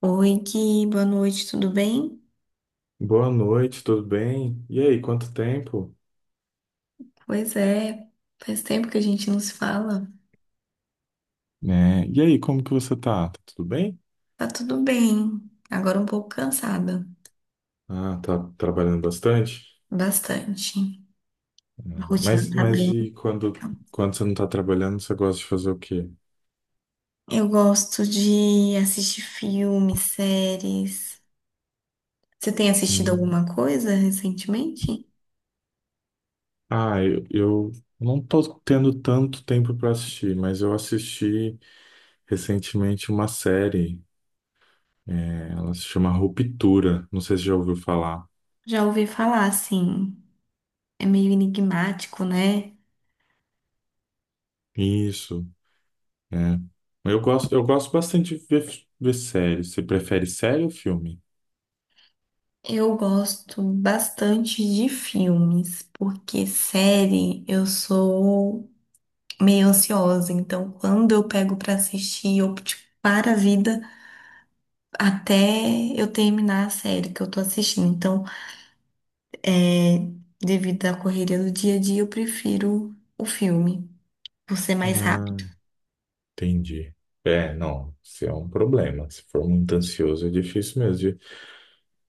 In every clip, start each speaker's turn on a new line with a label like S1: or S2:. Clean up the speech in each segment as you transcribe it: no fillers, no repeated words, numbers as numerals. S1: Oi, Gui, boa noite, tudo bem?
S2: Boa noite, tudo bem? E aí, quanto tempo?
S1: Pois é, faz tempo que a gente não se fala.
S2: Né? E aí, como que você tá? Tá tudo bem?
S1: Tá tudo bem, agora um pouco cansada,
S2: Ah, tá trabalhando bastante?
S1: bastante.
S2: Ah,
S1: A rotina
S2: Mas,
S1: tá
S2: mas
S1: bem,
S2: e quando,
S1: então.
S2: quando você não tá trabalhando, você gosta de fazer o quê?
S1: Eu gosto de assistir filmes, séries. Você tem assistido
S2: Hum.
S1: alguma coisa recentemente?
S2: Ah, eu não tô tendo tanto tempo para assistir, mas eu assisti recentemente uma série, né? Ela se chama Ruptura, não sei se já ouviu falar.
S1: Já ouvi falar, assim, é meio enigmático, né?
S2: Isso, é. Eu gosto bastante de ver, ver séries. Você prefere série ou filme?
S1: Eu gosto bastante de filmes, porque série eu sou meio ansiosa. Então, quando eu pego pra assistir, eu tipo, para a vida até eu terminar a série que eu tô assistindo. Então, é, devido à correria do dia a dia, eu prefiro o filme, por ser mais
S2: Ah,
S1: rápido,
S2: entendi. É, não, isso é um problema. Se for muito ansioso, é difícil mesmo. De...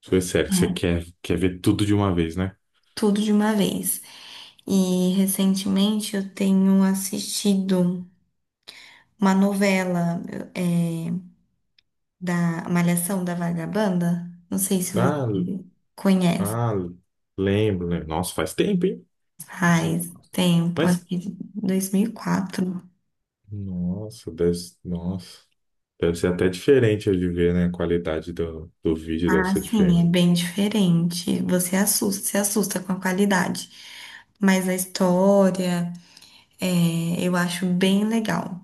S2: Se sério que você
S1: né?
S2: quer, quer ver tudo de uma vez, né?
S1: Tudo de uma vez. E recentemente eu tenho assistido uma novela, é, da Malhação da Vagabanda. Não sei se você
S2: Ah,
S1: conhece.
S2: ah, lembro, né? Nossa, faz tempo, hein? Nossa.
S1: Faz tempo, acho
S2: Mas,
S1: que de 2004.
S2: nossa, deve, nossa, deve ser até diferente de ver, né? A qualidade do vídeo deve
S1: Ah,
S2: ser
S1: sim, é
S2: diferente.
S1: bem diferente. Você se assusta com a qualidade. Mas a história, eu acho bem legal.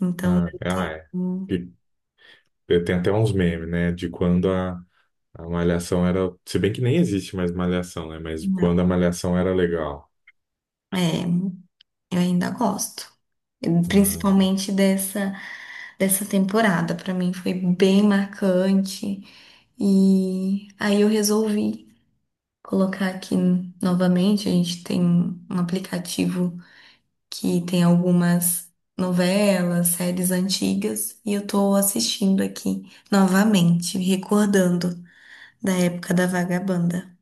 S1: Então,
S2: Ah,
S1: eu
S2: é. Ah,
S1: tenho.
S2: é. E eu tenho até uns memes, né? De quando a Malhação era. Se bem que nem existe mais Malhação, né? Mas
S1: Não,
S2: quando a Malhação era legal.
S1: é, eu ainda gosto.
S2: Ah,
S1: Principalmente dessa temporada. Pra mim foi bem marcante. E aí eu resolvi colocar aqui novamente. A gente tem um aplicativo que tem algumas novelas, séries antigas, e eu tô assistindo aqui novamente, recordando da época da Vagabanda.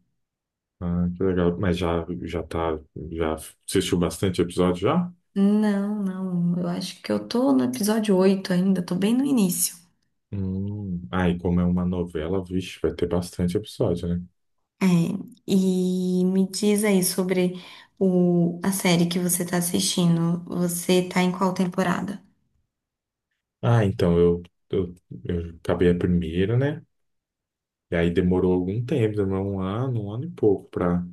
S2: ah, que legal. Mas já, já tá, já assistiu bastante episódio já?
S1: Não, eu acho que eu tô no episódio 8 ainda, tô bem no início.
S2: Hum. Ah, e como é uma novela, vixe, vai ter bastante episódio, né?
S1: É, e me diz aí sobre a série que você tá assistindo. Você tá em qual temporada?
S2: Ah, então eu, eu acabei a primeira, né? E aí demorou algum tempo, demorou um ano e pouco pra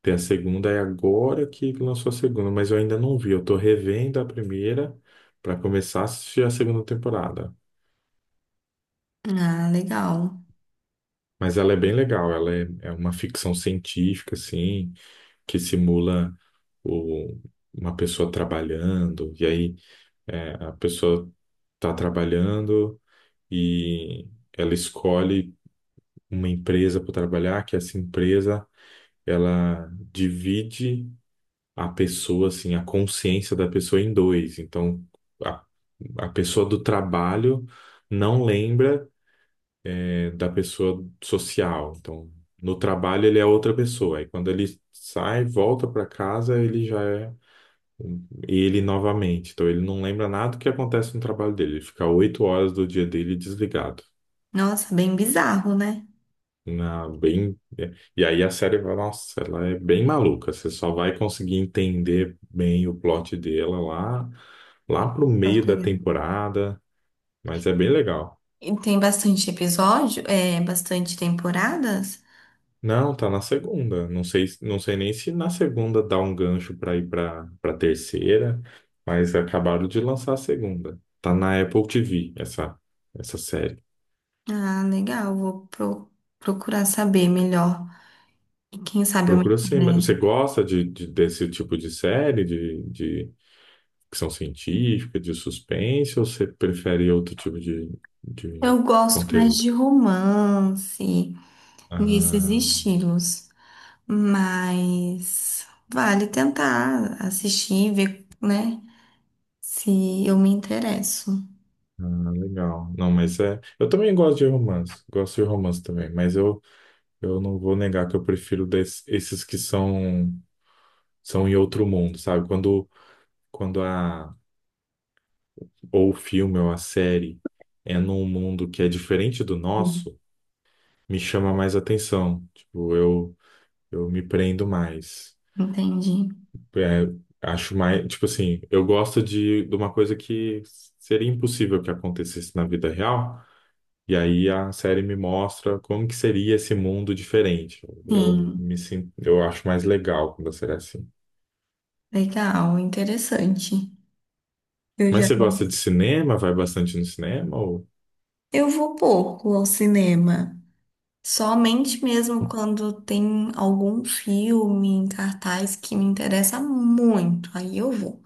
S2: ter a segunda. E agora que lançou a segunda, mas eu ainda não vi. Eu tô revendo a primeira pra começar a assistir a segunda temporada.
S1: Ah, legal.
S2: Mas ela é bem legal, ela é, é uma ficção científica, assim, que simula o- uma pessoa trabalhando, e aí é, a pessoa está trabalhando e ela escolhe uma empresa para trabalhar, que essa empresa ela divide a pessoa, assim, a consciência da pessoa em dois. Então, a, a pessoa do trabalho não lembra é, da pessoa social. Então, no trabalho ele é outra pessoa. Aí quando ele sai, volta para casa, ele já é ele novamente. Então ele não lembra nada do que acontece no trabalho dele. Ele fica oito horas do dia dele desligado.
S1: Nossa, bem bizarro, né?
S2: Na, bem, é, e aí a série vai, nossa, ela é bem maluca. Você só vai conseguir entender bem o plot dela lá, lá pro
S1: Pra
S2: meio da
S1: pegar.
S2: temporada, mas é bem legal.
S1: E tem bastante episódio, é bastante temporada?
S2: Não, tá na segunda. Não sei, não sei nem se na segunda dá um gancho para ir pra para terceira, mas acabaram de lançar a segunda. Tá na Apple TV essa série.
S1: Ah, legal. Procurar saber melhor. E quem sabe eu me
S2: Procura sim, mas você
S1: interesso.
S2: gosta de, desse tipo de série, de ficção científica, de suspense, ou você prefere outro tipo de
S1: Eu gosto mais
S2: conteúdo?
S1: de romance, nesses
S2: Ah,
S1: estilos. Mas vale tentar assistir, ver, né? Se eu me interesso.
S2: legal. Não, mas é, eu também gosto de romance. Gosto de romance também, mas eu não vou negar que eu prefiro esses que são, são em outro mundo, sabe? Quando, quando a, ou o filme ou a série é num mundo que é diferente do
S1: Sim.
S2: nosso, me chama mais atenção. Tipo, eu. Eu me prendo mais.
S1: Entendi.
S2: É, acho mais, tipo assim, eu gosto de uma coisa que seria impossível que acontecesse na vida real, e aí a série me mostra como que seria esse mundo diferente. Eu
S1: Sim,
S2: me sinto, eu acho mais legal quando a série é assim.
S1: legal, interessante. Eu
S2: Mas
S1: já
S2: você gosta de cinema? Vai bastante no cinema ou?
S1: eu vou pouco ao cinema. Somente mesmo quando tem algum filme em cartaz que me interessa muito, aí eu vou.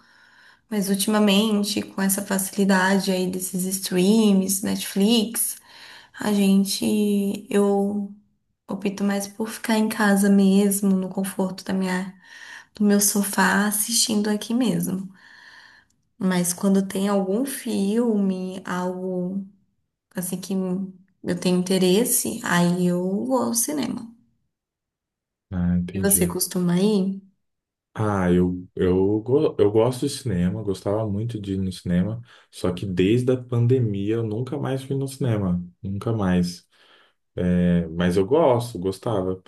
S1: Mas ultimamente, com essa facilidade aí desses streams, Netflix, eu opto mais por ficar em casa mesmo, no conforto do meu sofá, assistindo aqui mesmo. Mas quando tem algum filme, algo assim que eu tenho interesse, aí eu vou ao cinema.
S2: Ah,
S1: E você
S2: entendi.
S1: costuma ir?
S2: Ah, eu, eu gosto de cinema, gostava muito de ir no cinema, só que desde a pandemia eu nunca mais fui no cinema, nunca mais. É, mas eu gosto, gostava.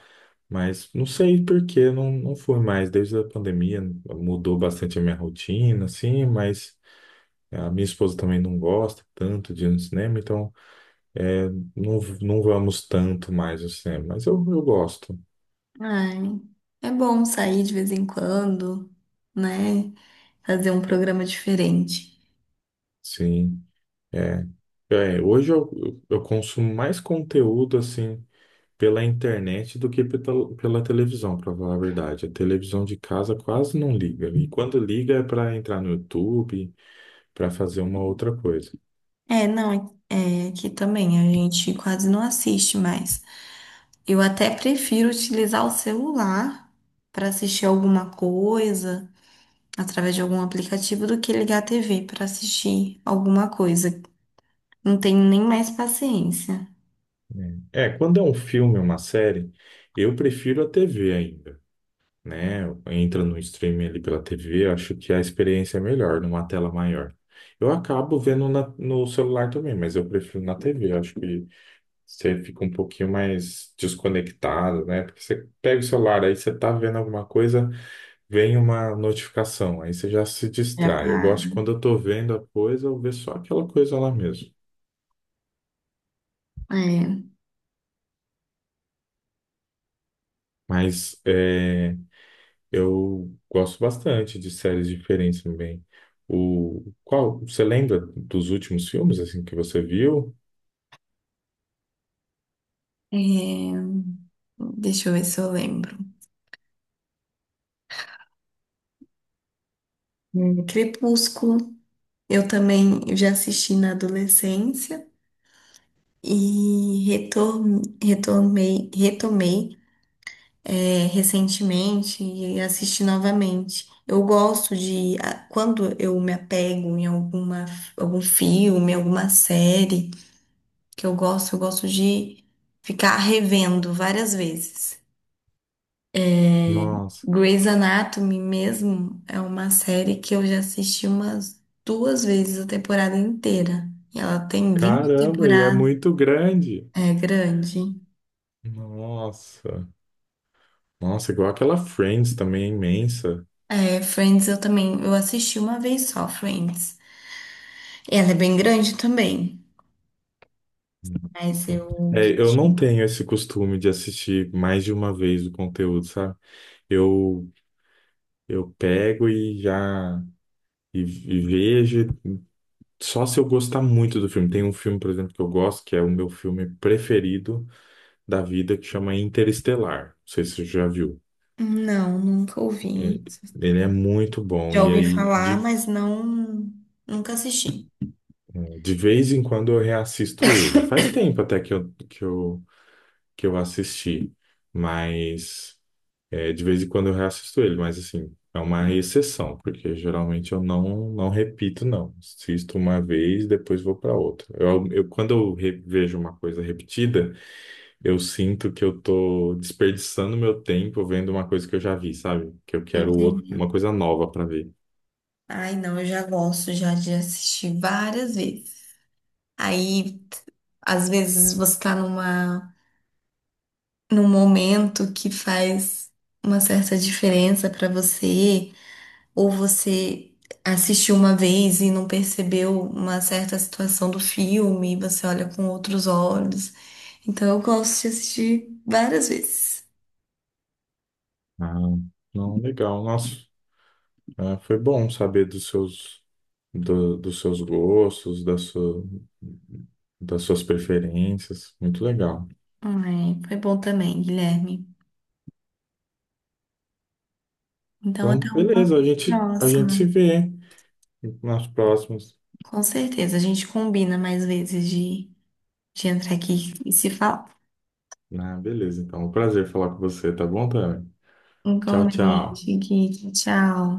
S2: Mas não sei por que não, não fui mais. Desde a pandemia mudou bastante a minha rotina, assim, mas a minha esposa também não gosta tanto de ir no cinema, então é, não, não vamos tanto mais ao cinema. Mas eu gosto,
S1: Ai, é bom sair de vez em quando, né? Fazer um programa diferente.
S2: sim. É, é, hoje eu, eu consumo mais conteúdo, assim, pela internet do que pela, pela televisão, para falar a verdade. A televisão de casa quase não liga. E quando liga é para entrar no YouTube para fazer uma outra coisa.
S1: É, não, é, é que também a gente quase não assiste mais. Eu até prefiro utilizar o celular para assistir alguma coisa através de algum aplicativo do que ligar a TV para assistir alguma coisa. Não tenho nem mais paciência.
S2: Né? É, quando é um filme, uma série, eu prefiro a TV ainda, né? Entra no streaming ali pela TV, acho que a experiência é melhor numa tela maior. Eu acabo vendo no celular também, mas eu prefiro na TV. Acho que você fica um pouquinho mais desconectado, né? Porque você pega o celular, aí você tá vendo alguma coisa, vem uma notificação, aí você já se
S1: Já
S2: distrai. Eu
S1: para.
S2: gosto quando eu tô vendo a coisa, eu ver só aquela coisa lá mesmo.
S1: É,
S2: Mas é, eu gosto bastante de séries diferentes também. O qual você lembra dos últimos filmes assim que você viu?
S1: é, deixa eu ver se eu lembro. Crepúsculo. Eu também já assisti na adolescência e retomei recentemente e assisti novamente. Eu gosto de, ah, quando eu me apego em alguma, algum filme, alguma série que eu gosto de ficar revendo várias vezes.
S2: Nossa,
S1: Grey's Anatomy mesmo é uma série que eu já assisti umas duas vezes a temporada inteira. E ela tem 20
S2: caramba, e é
S1: temporadas.
S2: muito grande.
S1: É grande.
S2: Nossa, nossa, igual aquela Friends também é imensa.
S1: É, Friends eu também, eu assisti uma vez só, Friends. Ela é bem grande também, mas
S2: Nossa.
S1: eu
S2: É, eu não tenho esse costume de assistir mais de uma vez o conteúdo, sabe? Eu eu pego e já e vejo só se eu gostar muito do filme. Tem um filme, por exemplo, que eu gosto, que é o meu filme preferido da vida, que chama Interestelar. Não sei se você já viu.
S1: não, nunca
S2: É,
S1: ouvi.
S2: ele é muito bom
S1: Já
S2: e
S1: ouvi
S2: aí
S1: falar, mas não, nunca assisti.
S2: de vez em quando eu reassisto ele. Faz tempo até que eu assisti, mas é, de vez em quando eu reassisto ele, mas assim, é uma exceção, porque geralmente eu não, não repito, não. Assisto uma vez, depois vou para outra. Eu, quando eu vejo uma coisa repetida, eu sinto que eu tô desperdiçando meu tempo vendo uma coisa que eu já vi, sabe? Que eu quero
S1: Entendi.
S2: uma coisa nova para ver.
S1: Ai, não, eu já gosto já de assistir várias vezes. Aí, às vezes você tá num momento que faz uma certa diferença pra você, ou você assistiu uma vez e não percebeu uma certa situação do filme, e você olha com outros olhos. Então eu gosto de assistir várias vezes.
S2: Ah, não, legal. Nossa, ah, foi bom saber dos seus, dos seus gostos, da sua, das suas preferências. Muito legal.
S1: Ai, foi bom também, Guilherme. Então
S2: Então,
S1: até uma
S2: beleza, a gente se
S1: próxima.
S2: vê nas próximas.
S1: Com certeza, a gente combina mais vezes de entrar aqui e se falar.
S2: Ah, beleza, então. Um prazer falar com você, tá bom, Tami?
S1: Um
S2: Tchau, tchau.
S1: comente, Gui. Tchau.